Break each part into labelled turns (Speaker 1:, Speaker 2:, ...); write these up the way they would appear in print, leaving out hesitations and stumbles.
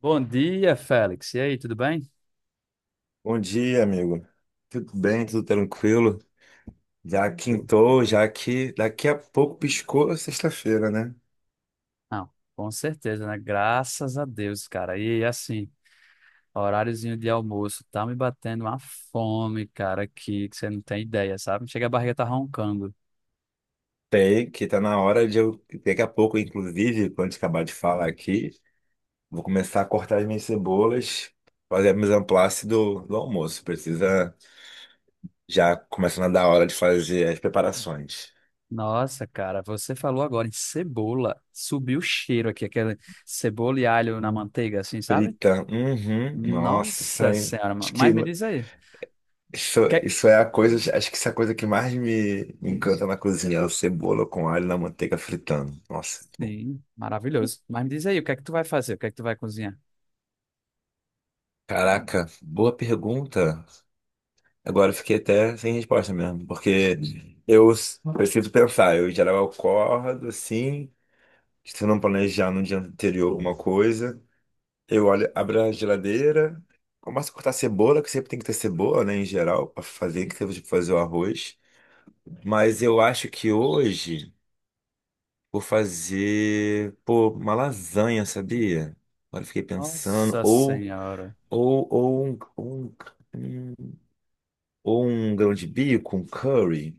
Speaker 1: Bom dia, Félix. E aí, tudo bem?
Speaker 2: Bom dia, amigo. Tudo bem? Tudo tranquilo? Já
Speaker 1: Tudo.
Speaker 2: quintou, já que daqui a pouco piscou a sexta-feira, né?
Speaker 1: Não, com certeza, né? Graças a Deus, cara. E assim, horáriozinho de almoço, tá me batendo uma fome, cara, que você não tem ideia, sabe? Chega a barriga tá roncando.
Speaker 2: Tem que tá na hora de eu. Daqui a pouco, inclusive, quando acabar de falar aqui, vou começar a cortar as minhas cebolas, fazer a mise en place do almoço. Precisa já começando a dar hora de fazer as preparações.
Speaker 1: Nossa, cara, você falou agora em cebola. Subiu o cheiro aqui, aquele cebola e alho na
Speaker 2: Hum.
Speaker 1: manteiga, assim, sabe?
Speaker 2: Frita. Uhum. Nossa, isso
Speaker 1: Nossa
Speaker 2: aí.
Speaker 1: Senhora,
Speaker 2: Acho que
Speaker 1: mas me diz aí.
Speaker 2: isso,
Speaker 1: Que...
Speaker 2: é a coisa, acho que isso é a coisa que mais me encanta na cozinha, é a cebola com alho na manteiga fritando. Nossa, que bom.
Speaker 1: Sim, maravilhoso. Mas me diz aí, o que é que tu vai fazer? O que é que tu vai cozinhar?
Speaker 2: Caraca, boa pergunta. Agora eu fiquei até sem resposta mesmo, porque preciso pensar. Eu, em geral, eu acordo assim, se eu não planejar no dia anterior alguma coisa, eu olho, abro a geladeira, começo a cortar cebola, que sempre tem que ter cebola, né, em geral, para fazer, que você fazer o arroz. Mas eu acho que hoje. Vou fazer, pô, uma lasanha, sabia? Agora eu fiquei pensando.
Speaker 1: Nossa Senhora.
Speaker 2: Ou, ou, um, um- hum, ou um grão de bico, um curry.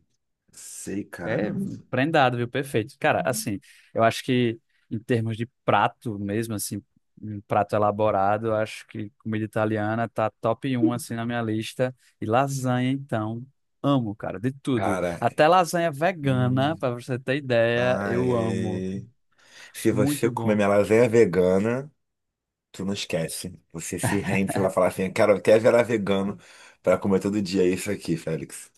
Speaker 2: Sei, cara.
Speaker 1: É prendado, viu? Perfeito. Cara, assim, eu acho que em termos de prato mesmo, assim, um prato elaborado, eu acho que comida italiana tá top um assim, na minha lista. E lasanha, então, amo, cara, de tudo.
Speaker 2: Cara,
Speaker 1: Até lasanha
Speaker 2: hum,
Speaker 1: vegana, pra você ter ideia, eu amo.
Speaker 2: ai, se você
Speaker 1: Muito
Speaker 2: comer
Speaker 1: bom.
Speaker 2: minha lasanha vegana, tu não esquece. Você se rende, você vai falar assim, cara, eu até virar vegano pra comer todo dia isso aqui, Félix.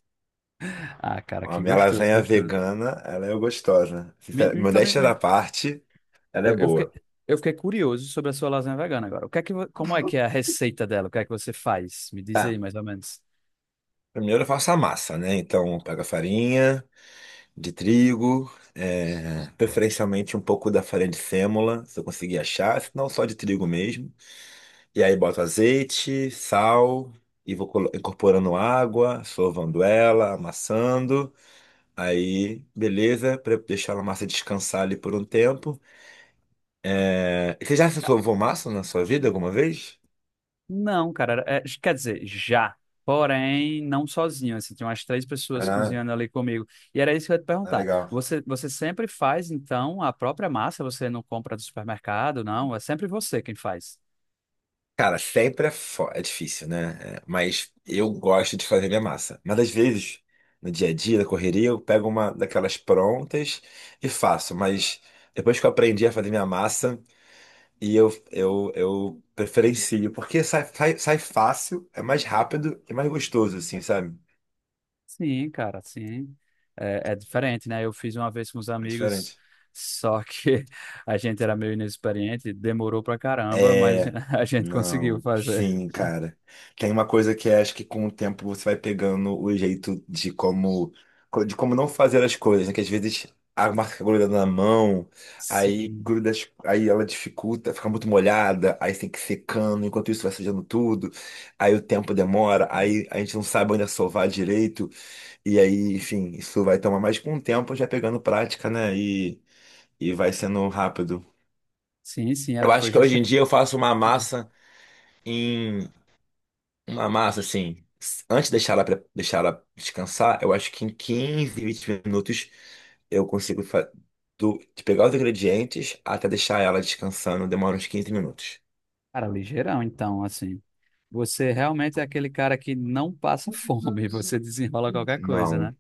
Speaker 1: Ah, cara,
Speaker 2: A
Speaker 1: que
Speaker 2: minha
Speaker 1: gostoso,
Speaker 2: lasanha
Speaker 1: gostoso.
Speaker 2: vegana, ela é gostosa.
Speaker 1: Me-
Speaker 2: Sincero-
Speaker 1: Então, me-
Speaker 2: Modéstia da
Speaker 1: me-
Speaker 2: parte, ela é
Speaker 1: eu, eu fiquei,
Speaker 2: boa.
Speaker 1: eu fiquei curioso sobre a sua lasanha vegana agora. O que é que, como é que é a receita dela? O que é que você faz? Me diz aí,
Speaker 2: Tá,
Speaker 1: mais ou menos.
Speaker 2: primeiro eu faço a massa, né? Então, pega a farinha de trigo, é, preferencialmente um pouco da farinha de sêmola, se eu conseguir achar, se não só de trigo mesmo. E aí boto azeite, sal, e incorporando água, sovando ela, amassando. Aí, beleza, para deixar a massa descansar ali por um tempo. É, você já sovou massa na sua vida alguma vez?
Speaker 1: Não, cara, quer dizer, já. Porém, não sozinho, assim, tinha umas três pessoas
Speaker 2: Ah,
Speaker 1: cozinhando ali comigo. E era isso que eu ia te perguntar.
Speaker 2: legal.
Speaker 1: Você sempre faz, então, a própria massa? Você não compra do supermercado, não? É sempre você quem faz.
Speaker 2: Cara, sempre é, é difícil, né? É, mas eu gosto de fazer minha massa. Mas às vezes, no dia a dia, na correria, eu pego uma daquelas prontas e faço. Mas depois que eu aprendi a fazer minha massa, e eu preferencio, porque sai fácil, é mais rápido e mais gostoso, assim, sabe?
Speaker 1: Sim, cara, sim. É, é diferente, né? Eu fiz uma vez com os
Speaker 2: É
Speaker 1: amigos,
Speaker 2: diferente.
Speaker 1: só que a gente era meio inexperiente, demorou pra caramba, mas
Speaker 2: É,
Speaker 1: a gente conseguiu
Speaker 2: não,
Speaker 1: fazer.
Speaker 2: sim, cara. Tem uma coisa que é, acho que com o tempo você vai pegando o jeito de como não fazer as coisas, né? Que às vezes a marca gruda na mão, aí
Speaker 1: Sim,
Speaker 2: gruda, aí ela dificulta, fica muito molhada, aí tem que ir secando, enquanto isso vai sujando tudo, aí o tempo demora, aí a gente não sabe onde sovar direito, e aí, enfim, isso vai tomar mais com o tempo já pegando prática, né? E vai sendo rápido.
Speaker 1: sim, sim,
Speaker 2: Eu
Speaker 1: era,
Speaker 2: acho
Speaker 1: foi
Speaker 2: que hoje em
Speaker 1: justamente.
Speaker 2: dia eu faço uma massa em uma massa, assim, antes de deixar ela, pre- deixar ela descansar, eu acho que em 15, 20 minutos eu consigo de pegar os ingredientes até deixar ela descansando, demora uns 15 minutos.
Speaker 1: Cara, ligeirão, então, assim. Você realmente é aquele cara que não passa fome, você desenrola qualquer coisa,
Speaker 2: Não,
Speaker 1: né?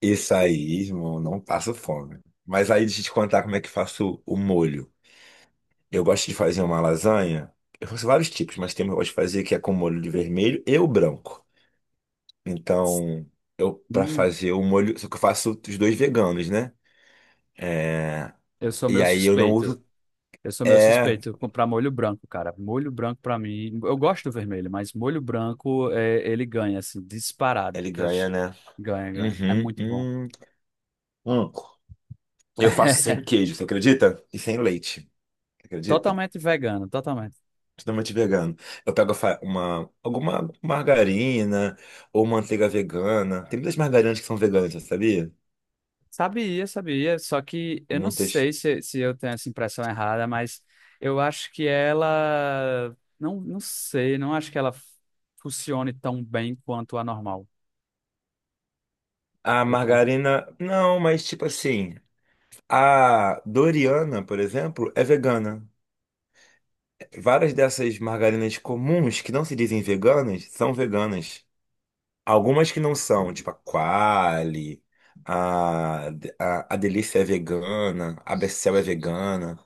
Speaker 2: isso aí, irmão, não passo fome. Mas aí deixa eu te contar como é que faço o molho. Eu gosto de fazer uma lasanha, eu faço vários tipos, mas tem uma que eu gosto de fazer que é com molho de vermelho e o branco. Então, eu para
Speaker 1: Hum,
Speaker 2: fazer o molho, só que eu faço os dois veganos, né? É,
Speaker 1: eu sou
Speaker 2: e
Speaker 1: meu
Speaker 2: aí eu não
Speaker 1: suspeito.
Speaker 2: uso.
Speaker 1: Eu sou meu
Speaker 2: É,
Speaker 1: suspeito comprar molho branco, cara. Molho branco pra mim, eu gosto do vermelho, mas molho branco é, ele ganha assim, disparado.
Speaker 2: ele ganha, né?
Speaker 1: Ganha, ganha. É
Speaker 2: Uhum,
Speaker 1: muito bom.
Speaker 2: hum, hum. Eu faço sem queijo, você acredita? E sem leite, você acredita?
Speaker 1: Totalmente vegano, totalmente.
Speaker 2: Totalmente vegano. Eu pego alguma margarina ou manteiga vegana. Tem muitas margarinas que são veganas, você sabia?
Speaker 1: Sabia, sabia, só que eu não
Speaker 2: Muitas.
Speaker 1: sei se eu tenho essa impressão errada, mas eu acho que ela. Não, não sei, não acho que ela funcione tão bem quanto a normal.
Speaker 2: A
Speaker 1: Eu tenho...
Speaker 2: margarina, não, mas tipo assim, a Doriana, por exemplo, é vegana. Várias dessas margarinas comuns que não se dizem veganas são veganas. Algumas que não são, tipo a Qualy, a, a Delícia é vegana, a Becel é vegana,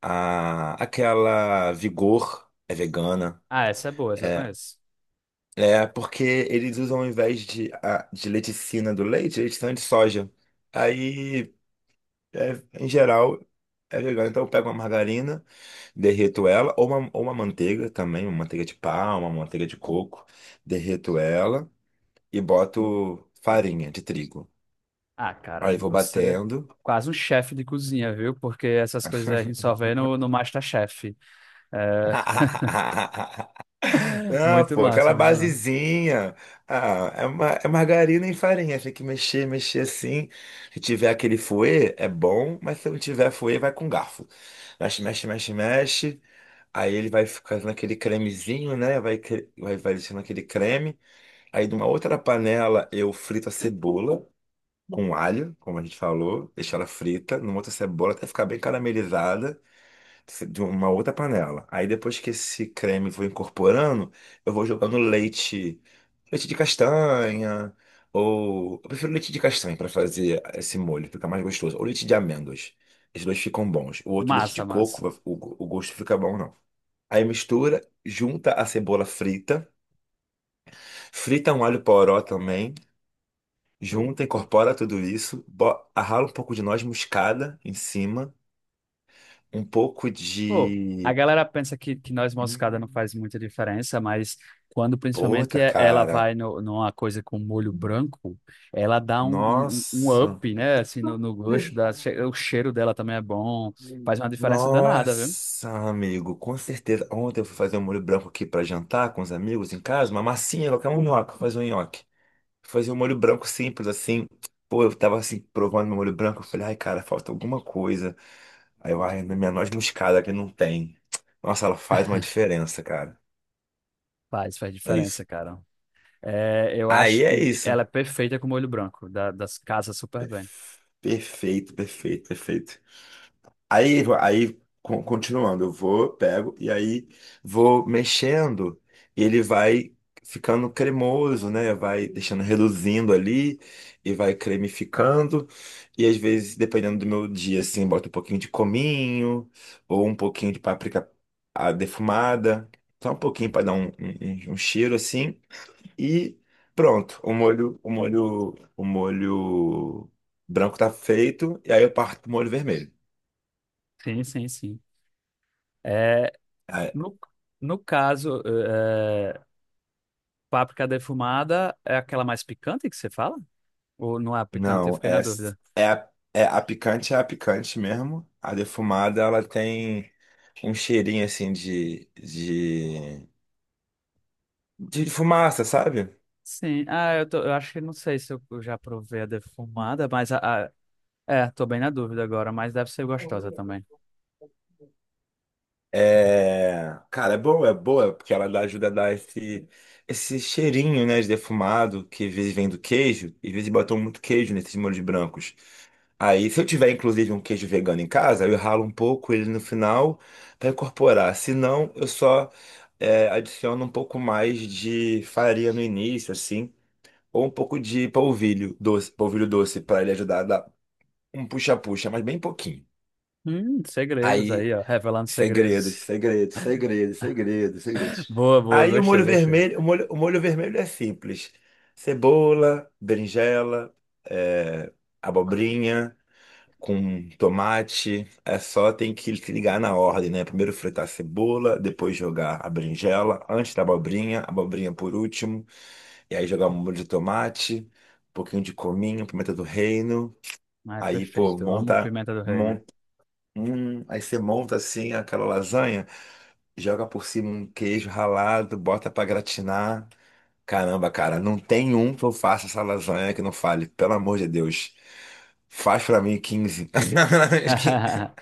Speaker 2: aquela Vigor é vegana.
Speaker 1: Ah, essa é boa, essa eu
Speaker 2: É,
Speaker 1: conheço.
Speaker 2: é porque eles usam ao invés de, de leticina do leite, leticina de soja. Aí, é, em geral, é vegano. Então eu pego uma margarina, derreto ela, ou uma manteiga também, uma manteiga de palma, uma manteiga de coco, derreto ela e boto farinha de trigo.
Speaker 1: Ah, cara,
Speaker 2: Aí vou
Speaker 1: você é
Speaker 2: batendo.
Speaker 1: quase um chefe de cozinha, viu? Porque essas coisas a gente só vê no MasterChef. É...
Speaker 2: Ah,
Speaker 1: Muito
Speaker 2: pô, aquela
Speaker 1: massa, muito massa.
Speaker 2: basezinha. Ah, é, ma é margarina e farinha. Tem que mexer, mexer assim. Se tiver aquele fouet, é bom, mas se não tiver fouet, vai com garfo. Mexe, mexe, mexe, mexe. Aí ele vai ficando aquele cremezinho, né? Vai deixando aquele creme. Aí, numa outra panela, eu frito a cebola com alho, como a gente falou. Deixo ela frita. Numa outra cebola, até ficar bem caramelizada. De uma outra panela. Aí depois que esse creme for incorporando, eu vou jogando leite, leite de castanha, ou eu prefiro leite de castanha para fazer esse molho, fica mais gostoso, ou leite de amêndoas. Esses dois ficam bons. O outro leite de
Speaker 1: Massa, massa.
Speaker 2: coco, o gosto fica bom não. Aí mistura, junta a cebola frita, frita um alho poró também, junta, incorpora tudo isso, rala um pouco de noz moscada em cima, um pouco
Speaker 1: Pô, a
Speaker 2: de
Speaker 1: galera pensa que noz moscada não
Speaker 2: hum,
Speaker 1: faz muita diferença, mas quando principalmente
Speaker 2: puta,
Speaker 1: ela
Speaker 2: cara.
Speaker 1: vai no, numa coisa com molho branco, ela dá um
Speaker 2: Nossa.
Speaker 1: up, né? Assim, no, no gosto, o cheiro dela também é bom,
Speaker 2: Hum.
Speaker 1: faz uma diferença danada, viu?
Speaker 2: Nossa, amigo, com certeza. Ontem eu fui fazer um molho branco aqui pra jantar com os amigos em casa, uma massinha, colocar um nhoque, fazer um nhoque. Fazer um molho branco simples assim. Pô, eu tava assim, provando meu molho branco. Eu falei, ai, cara, falta alguma coisa. Aí eu, ai, minha noz moscada que não tem. Nossa, ela faz uma diferença, cara.
Speaker 1: Faz, faz
Speaker 2: É isso.
Speaker 1: diferença, cara. É, eu
Speaker 2: Aí
Speaker 1: acho
Speaker 2: é
Speaker 1: que
Speaker 2: isso.
Speaker 1: ela é perfeita com molho branco, da, das casas super bem.
Speaker 2: Perfeito, perfeito, perfeito. Aí, continuando, eu vou, pego e aí vou mexendo, e ele vai ficando cremoso, né? Vai deixando reduzindo ali e vai cremificando. E às vezes, dependendo do meu dia, assim, boto um pouquinho de cominho ou um pouquinho de páprica defumada, só um pouquinho para dar um cheiro assim e pronto, o molho branco tá feito e aí eu parto pro molho vermelho.
Speaker 1: Sim, sim, sim. É, no, no caso, é, páprica defumada é aquela mais picante que você fala? Ou não é picante? Eu
Speaker 2: Não,
Speaker 1: fiquei na dúvida.
Speaker 2: é, é a picante mesmo. A defumada, ela tem um cheirinho assim de fumaça, sabe?
Speaker 1: Sim, ah, eu, tô, eu acho que não sei se eu já provei a defumada, mas a- é, tô bem na dúvida agora, mas deve ser gostosa também.
Speaker 2: É, cara, é boa, porque ela dá, ajuda a dar esse, esse cheirinho, né, de defumado, que às vezes vem do queijo, e às vezes botam muito queijo nesses molhos brancos. Aí, se eu tiver inclusive um queijo vegano em casa, eu ralo um pouco ele no final para incorporar. Se não, eu só adiciono um pouco mais de farinha no início, assim, ou um pouco de polvilho doce para ele ajudar a dar um puxa-puxa, mas bem pouquinho.
Speaker 1: Segredos
Speaker 2: Aí,
Speaker 1: aí, ó, revelando
Speaker 2: segredos,
Speaker 1: segredos.
Speaker 2: segredos, segredos, segredos, segredos.
Speaker 1: Boa, boa,
Speaker 2: Aí o
Speaker 1: gostei,
Speaker 2: molho
Speaker 1: gostei.
Speaker 2: vermelho, o molho vermelho é simples: cebola, berinjela, é, abobrinha com tomate. É só tem que se ligar na ordem, né? Primeiro fritar a cebola, depois jogar a berinjela, antes da abobrinha, a abobrinha por último. E aí jogar um molho de tomate, um pouquinho de cominho, pimenta do reino.
Speaker 1: Ah, é
Speaker 2: Aí, pô,
Speaker 1: perfeito, eu amo
Speaker 2: monta,
Speaker 1: pimenta do reino.
Speaker 2: monta, aí você monta assim aquela lasanha, joga por cima um queijo ralado, bota pra gratinar. Caramba, cara, não tem um que eu faça essa lasanha que não fale, pelo amor de Deus. Faz pra mim quinze.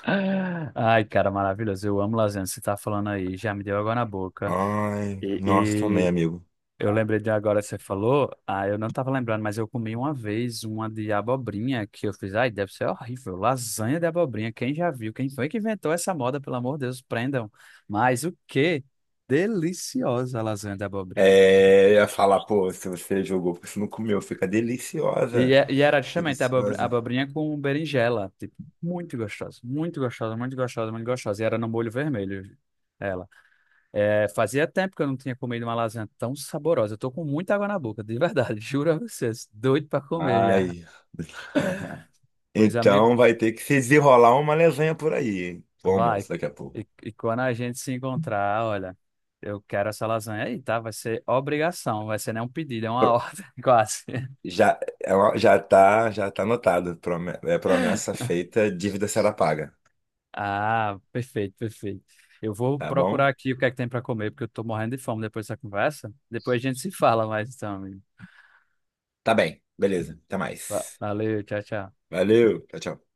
Speaker 1: Ai, cara, maravilhoso, eu amo lasanha, você tá falando aí, já me deu água na boca.
Speaker 2: Ai, nossa, também,
Speaker 1: e
Speaker 2: amigo.
Speaker 1: Eu lembrei de agora, você falou, ah, eu não tava lembrando, mas eu comi uma vez uma de abobrinha que eu fiz, ai, deve ser horrível, lasanha de abobrinha, quem já viu, quem foi que inventou essa moda, pelo amor de Deus, prendam. Mas o que deliciosa a lasanha de abobrinha.
Speaker 2: É, eu ia falar, pô, se você jogou, porque você não comeu, fica
Speaker 1: E,
Speaker 2: deliciosa.
Speaker 1: e era justamente
Speaker 2: Deliciosa.
Speaker 1: abobrinha com berinjela, tipo, muito gostosa, muito gostosa, muito gostosa, muito gostosa, e era no molho vermelho. Ela. É, fazia tempo que eu não tinha comido uma lasanha tão saborosa. Eu tô com muita água na boca, de verdade. Juro a vocês. Doido pra comer já.
Speaker 2: Ai.
Speaker 1: Pois, amigo,
Speaker 2: Então vai ter que se desenrolar uma lasanha por aí, hein? Bom,
Speaker 1: vai.
Speaker 2: almoço, daqui a pouco.
Speaker 1: E quando a gente se encontrar, olha, eu quero essa lasanha aí, tá? Vai ser obrigação, vai ser nem um pedido, é uma
Speaker 2: Pro-
Speaker 1: ordem, quase.
Speaker 2: Já, já tá anotado. É promessa feita, dívida será paga.
Speaker 1: Ah, perfeito, perfeito. Eu vou
Speaker 2: Tá
Speaker 1: procurar
Speaker 2: bom?
Speaker 1: aqui o que é que tem para comer, porque eu tô morrendo de fome depois dessa conversa. Depois a gente se fala mais, então, amigo.
Speaker 2: Tá bem, beleza. Até mais.
Speaker 1: Valeu, tchau, tchau.
Speaker 2: Valeu, tchau, tchau.